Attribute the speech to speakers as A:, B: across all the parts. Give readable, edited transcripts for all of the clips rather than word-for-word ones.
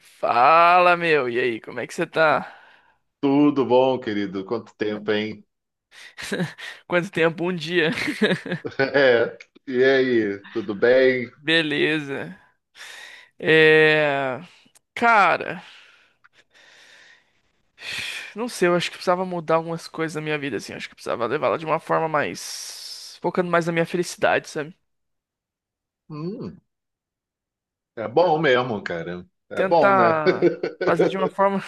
A: Fala, meu. E aí, como é que você tá?
B: Tudo bom, querido? Quanto tempo, hein?
A: Quanto tempo? Um dia.
B: É. E aí, tudo bem?
A: Beleza. É. Cara, não sei, eu acho que precisava mudar algumas coisas na minha vida, assim. Acho que precisava levá-la de uma forma mais. Focando mais na minha felicidade, sabe?
B: Hum, é bom mesmo, cara. É bom, né?
A: Tentar fazer de uma forma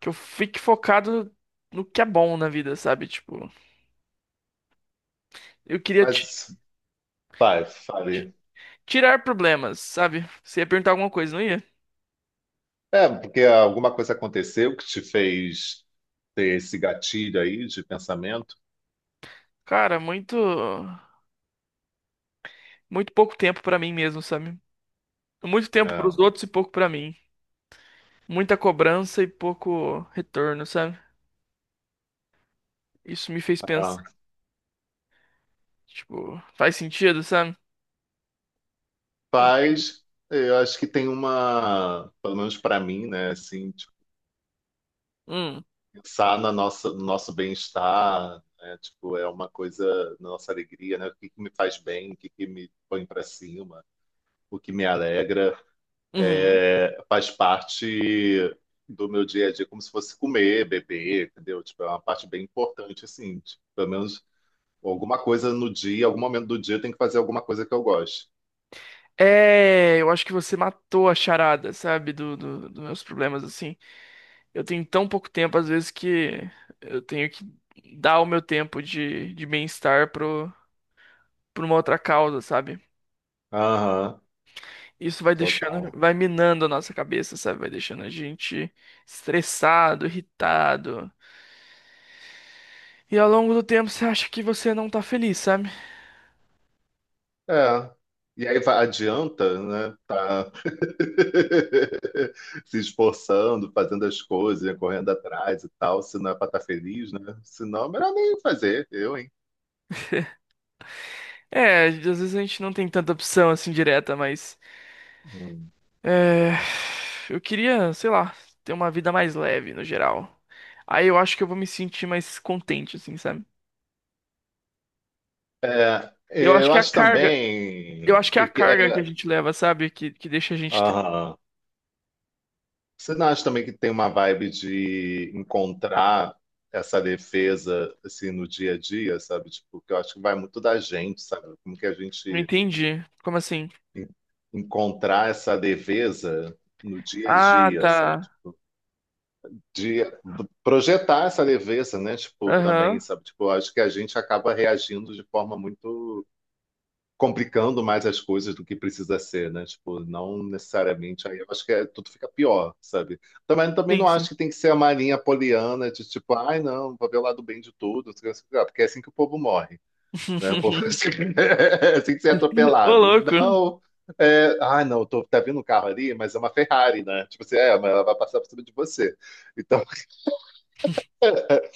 A: que eu fique focado no que é bom na vida, sabe? Tipo, eu queria
B: Mas fale,
A: ti-
B: fale.
A: tirar problemas, sabe? Você ia perguntar alguma coisa, não ia?
B: É, porque alguma coisa aconteceu que te fez ter esse gatilho aí de pensamento?
A: Cara, muito. Muito pouco tempo pra mim mesmo, sabe? Muito tempo para os
B: É.
A: outros e pouco para mim. Muita cobrança e pouco retorno, sabe? Isso me fez pensar,
B: Ah.
A: tipo, faz sentido, sabe? Entendi.
B: Faz, eu acho que tem uma, pelo menos pra mim, né? Assim,
A: Hum,
B: pensar no nosso bem-estar, né? Tipo, é uma coisa, na nossa alegria, né? O que que me faz bem, o que que me põe para cima, o que me alegra,
A: uhum.
B: faz parte do meu dia a dia, como se fosse comer, beber, entendeu? Tipo, é uma parte bem importante, assim, tipo, pelo menos alguma coisa no dia, algum momento do dia, eu tenho que fazer alguma coisa que eu goste.
A: É, eu acho que você matou a charada, sabe, dos meus problemas, assim. Eu tenho tão pouco tempo, às vezes, que eu tenho que dar o meu tempo de bem-estar pra uma outra causa, sabe?
B: Aham,
A: Isso vai deixando,
B: total.
A: vai minando a nossa cabeça, sabe? Vai deixando a gente estressado, irritado. E ao longo do tempo você acha que você não tá feliz, sabe?
B: É. E aí adianta, né? Tá se esforçando, fazendo as coisas, né, correndo atrás e tal, se não é para estar feliz, né? Se não, é melhor nem fazer, eu, hein?
A: É, às vezes a gente não tem tanta opção assim direta, mas.
B: Hum.
A: É... Eu queria, sei lá, ter uma vida mais leve no geral. Aí eu acho que eu vou me sentir mais contente, assim, sabe?
B: É,
A: Eu acho
B: eu
A: que é a
B: acho
A: carga. Eu
B: também
A: acho que é a
B: e que é,
A: carga que a gente leva, sabe? Que deixa a gente triste.
B: aham. Você não acha também que tem uma vibe de encontrar essa defesa assim no dia a dia, sabe? Tipo, que eu acho que vai muito da gente, sabe? Como que a
A: Não
B: gente
A: entendi. Como assim?
B: en- encontrar essa leveza no dia a
A: Ah,
B: dia, sabe?
A: tá.
B: De projetar essa leveza, né? Tipo, também,
A: Aham.
B: sabe? Tipo, acho que a gente acaba reagindo de forma muito complicando mais as coisas do que precisa ser, né? Tipo, não necessariamente aí eu acho que tudo fica pior, sabe? Também também
A: Sim,
B: não
A: sim.
B: acho que tem que ser a marinha poliana de tipo, ai não, vou ver o lado bem de tudo, não sei o que, não sei o que lá, porque é assim que o povo morre né? O povo assim, assim que você é
A: Ô,
B: atropelado.
A: louco.
B: Não. É, ah, não, tô, tá vindo um carro ali, mas é uma Ferrari, né? Tipo assim, é, mas ela vai passar por cima de você. Então,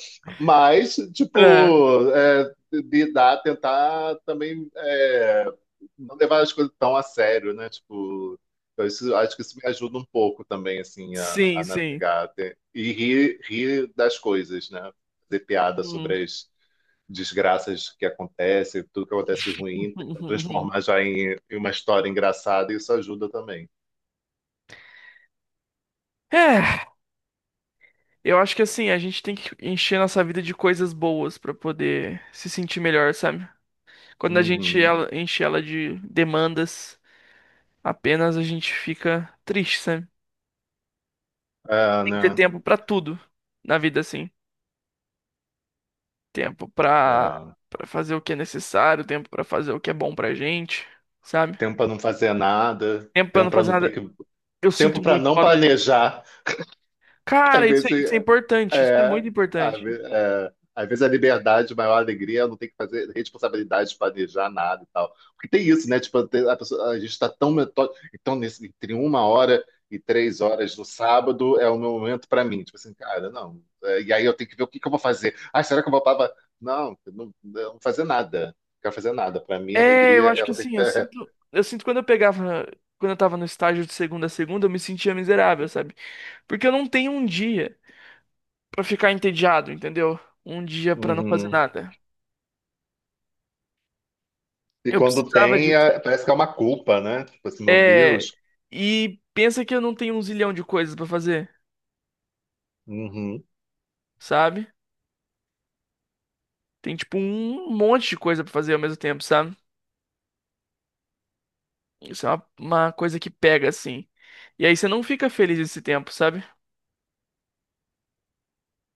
B: mas,
A: É.
B: tipo, é, lidar, tentar também é, não levar as coisas tão a sério, né? Tipo, então isso, acho que isso me ajuda um pouco também, assim, a,
A: Sim,
B: a
A: sim.
B: navegar. E rir, rir das coisas, né? Fazer piada
A: Hum.
B: sobre as, desgraças que acontecem, tudo que acontece de ruim, tentar transformar já em, em uma história engraçada, e isso ajuda também.
A: É. Eu acho que assim, a gente tem que encher nossa vida de coisas boas pra poder se sentir melhor, sabe? Quando
B: Uhum.
A: enche ela de demandas, apenas a gente fica triste, sabe?
B: É,
A: Tem que ter
B: né?
A: tempo pra tudo na vida, assim. Tempo pra
B: É.
A: Para fazer o que é necessário, tempo pra fazer o que é bom pra gente, sabe?
B: Tempo para não fazer nada,
A: Tempo pra
B: tempo
A: não
B: para
A: fazer
B: não ter
A: nada.
B: que,
A: Eu
B: tempo
A: sinto
B: para
A: muito
B: não
A: falta de.
B: planejar.
A: Cara,
B: Às vezes,
A: isso é importante, isso é
B: é,
A: muito importante.
B: é, às vezes a liberdade, a maior alegria, é não tem que fazer responsabilidade de planejar nada e tal. Porque tem isso, né? Tipo, tem- a pessoa- a gente está tão metódico. Então, nesse, entre 1 hora e 3 horas do sábado é o meu momento para mim. Tipo assim, cara, não. É, e aí eu tenho que ver o que que eu vou fazer. Ah, será que eu vou para. Não, eu não vou fazer nada. Não quero fazer nada. Para mim, a
A: É, eu
B: alegria
A: acho
B: é
A: que
B: o.
A: assim, eu sinto quando eu pegava, quando eu tava no estágio de segunda a segunda, eu me sentia miserável, sabe? Porque eu não tenho um dia pra ficar entediado, entendeu? Um dia pra não fazer
B: Uhum.
A: nada.
B: E
A: Eu
B: quando
A: precisava
B: tem,
A: disso.
B: parece que é uma culpa, né? Tipo assim, meu
A: É,
B: Deus.
A: e pensa que eu não tenho um zilhão de coisas pra fazer,
B: Uhum.
A: sabe? Tem tipo um monte de coisa pra fazer ao mesmo tempo, sabe? Isso é uma coisa que pega assim. E aí você não fica feliz esse tempo, sabe?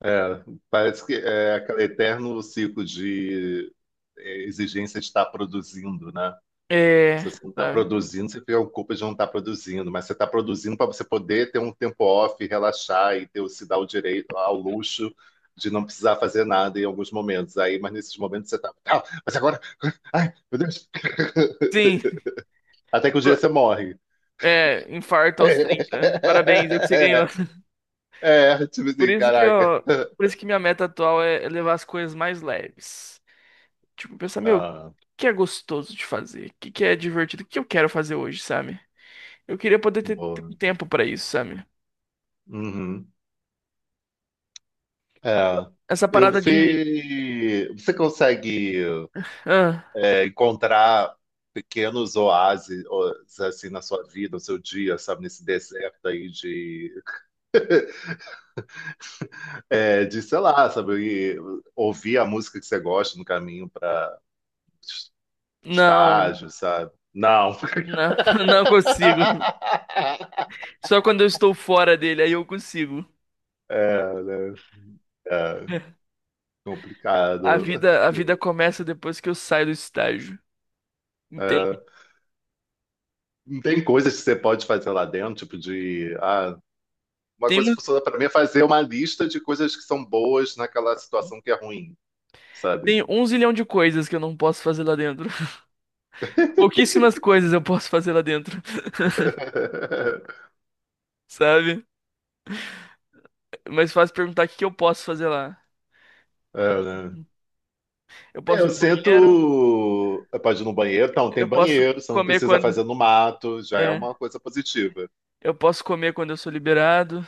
B: É, parece que é aquele eterno ciclo de é, exigência de estar produzindo, né?
A: É,
B: Se você não está
A: sabe?
B: produzindo, você fica com culpa de não estar produzindo, mas você está produzindo para você poder ter um tempo off, relaxar e ter, se dar o direito ao luxo de não precisar fazer nada em alguns momentos. Aí, mas nesses momentos você está, ah, mas agora, ai, meu Deus,
A: Sim.
B: até que o dia você morre.
A: É, infarto aos 30. Parabéns, eu que você ganhou.
B: É, é, tipo
A: Por
B: assim,
A: isso que eu,
B: caraca.
A: por isso que minha meta atual é levar as coisas mais leves. Tipo, pensar, meu, o
B: Ah,
A: que é gostoso de fazer? O que que é divertido? O que eu quero fazer hoje, sabe? Eu queria poder ter
B: boa.
A: tempo pra isso, sabe?
B: Uhum. É,
A: Essa
B: eu
A: parada de,
B: fui. Você consegue
A: ah,
B: encontrar pequenos oásis ó, assim na sua vida, no seu dia, sabe, nesse deserto aí de, é, de sei lá, sabe, e ouvir a música que você gosta no caminho para
A: não,
B: estágio, sabe? Não.
A: não, não consigo. Só quando eu estou fora dele aí eu consigo.
B: É, né? É, complicado.
A: A vida começa depois que eu saio do estágio.
B: É,
A: Entende?
B: não tem coisas que você pode fazer lá dentro, tipo de, ah, uma
A: Tem,
B: coisa que
A: um-
B: funciona para mim é fazer uma lista de coisas que são boas naquela situação que é ruim, sabe?
A: Tem um zilhão de coisas que eu não posso fazer lá dentro. Pouquíssimas coisas eu posso fazer lá dentro, sabe? Mas fácil perguntar o que que eu posso fazer lá.
B: É, né?
A: Eu
B: É,
A: posso ir
B: eu
A: no banheiro,
B: sinto. Pode ir no banheiro? Então, tem
A: eu posso
B: banheiro, você não
A: comer
B: precisa
A: quando.
B: fazer no mato, já é
A: É,
B: uma coisa positiva.
A: eu posso comer quando eu sou liberado.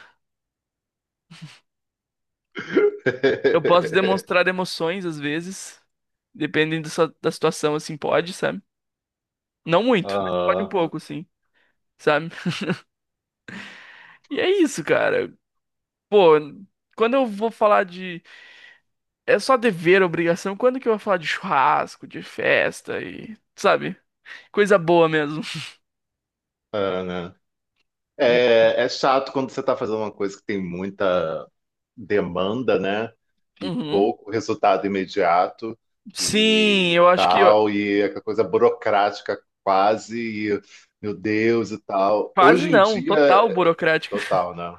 A: Eu posso demonstrar emoções às vezes, dependendo da situação, assim, pode, sabe? Não muito, mas pode um
B: Ah,
A: pouco, sim, sabe? E é isso, cara. Pô, quando eu vou falar de. É só dever, obrigação, quando que eu vou falar de churrasco, de festa e. Sabe? Coisa boa mesmo.
B: é, né? É, é chato quando você está fazendo uma coisa que tem muita demanda, né? E
A: Uhum.
B: pouco resultado imediato
A: Sim,
B: e
A: eu acho que
B: tal, e é aquela coisa burocrática quase, e, meu Deus e tal.
A: quase
B: Hoje em
A: não,
B: dia,
A: total burocrática.
B: total, né?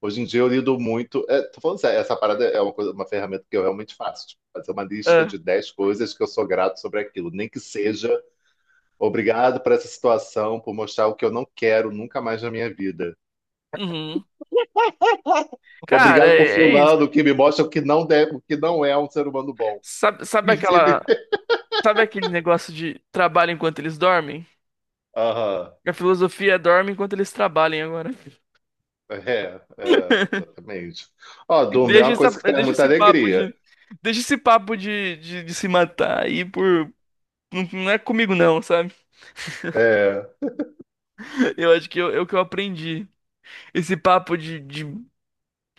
B: Hoje em dia eu lido muito. É, tô falando sério, essa parada é uma coisa, uma ferramenta que eu realmente faço. Tipo, fazer uma lista
A: Ah,
B: de 10 coisas que eu sou grato sobre aquilo. Nem que seja obrigado por essa situação, por mostrar o que eu não quero nunca mais na minha vida.
A: uhum. Cara,
B: Obrigado por
A: é isso.
B: fulano, que me mostra o que não deve, o que não é um ser humano bom.
A: Sabe
B: Me ensine.
A: aquela, sabe aquele negócio de trabalho enquanto eles dormem?
B: Aham.
A: A filosofia é dorme enquanto eles trabalham agora.
B: É, é, exatamente. Ó, Duma, é uma coisa que traz
A: Deixa
B: muita
A: esse papo de,
B: alegria.
A: deixa esse papo de se matar aí por, não, não é comigo não, sabe?
B: É,
A: Eu acho que eu, é o que eu aprendi. Esse papo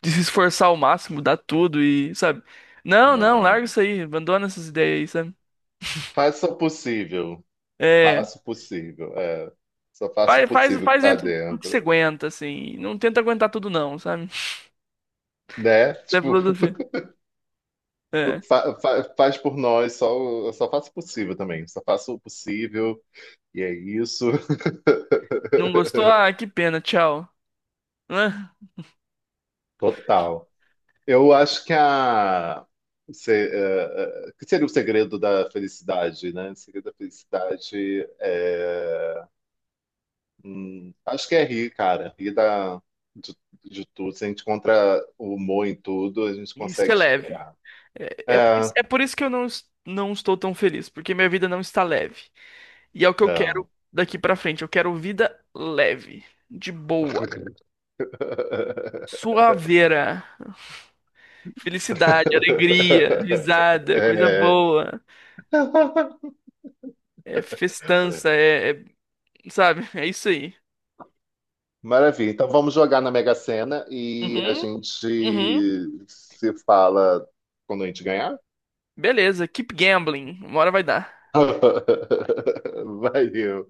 A: de se esforçar ao máximo, dar tudo e, sabe? Não, não,
B: não.
A: larga isso aí, abandona essas ideias aí, sabe?
B: Faça o possível.
A: É.
B: Faça o possível. É. Só faça o possível que
A: Faz
B: tá
A: dentro do que você
B: dentro.
A: aguenta, assim. Não tenta aguentar tudo, não, sabe?
B: Né?
A: É
B: Tipo,
A: filosofia. É.
B: faz por nós, só, só faça o possível também. Só faça o possível. E é isso.
A: Não gostou? Ah, que pena, tchau. Ah,
B: Total. Eu acho que a se, eh, eh, que seria o segredo da felicidade, né? O segredo da felicidade é, acho que é rir, cara, rir de, de tudo. Se a gente encontra o humor em tudo, a gente
A: isso é
B: consegue
A: leve.
B: superar.
A: É, é, por isso
B: É,
A: por isso que eu não, es- não estou tão feliz, porque minha vida não está leve. E é o que eu quero
B: é.
A: daqui pra frente. Eu quero vida leve, de boa, suaveira, felicidade, alegria, risada, coisa
B: É.
A: boa, é festança, sabe? É isso aí.
B: Maravilha. Então vamos jogar na Mega Sena e a
A: Uhum,
B: gente
A: uhum.
B: se fala quando a gente ganhar.
A: Beleza, keep gambling. Uma hora vai dar.
B: Valeu.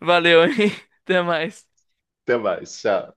A: Valeu, hein? Até mais.
B: Até mais. Tchau.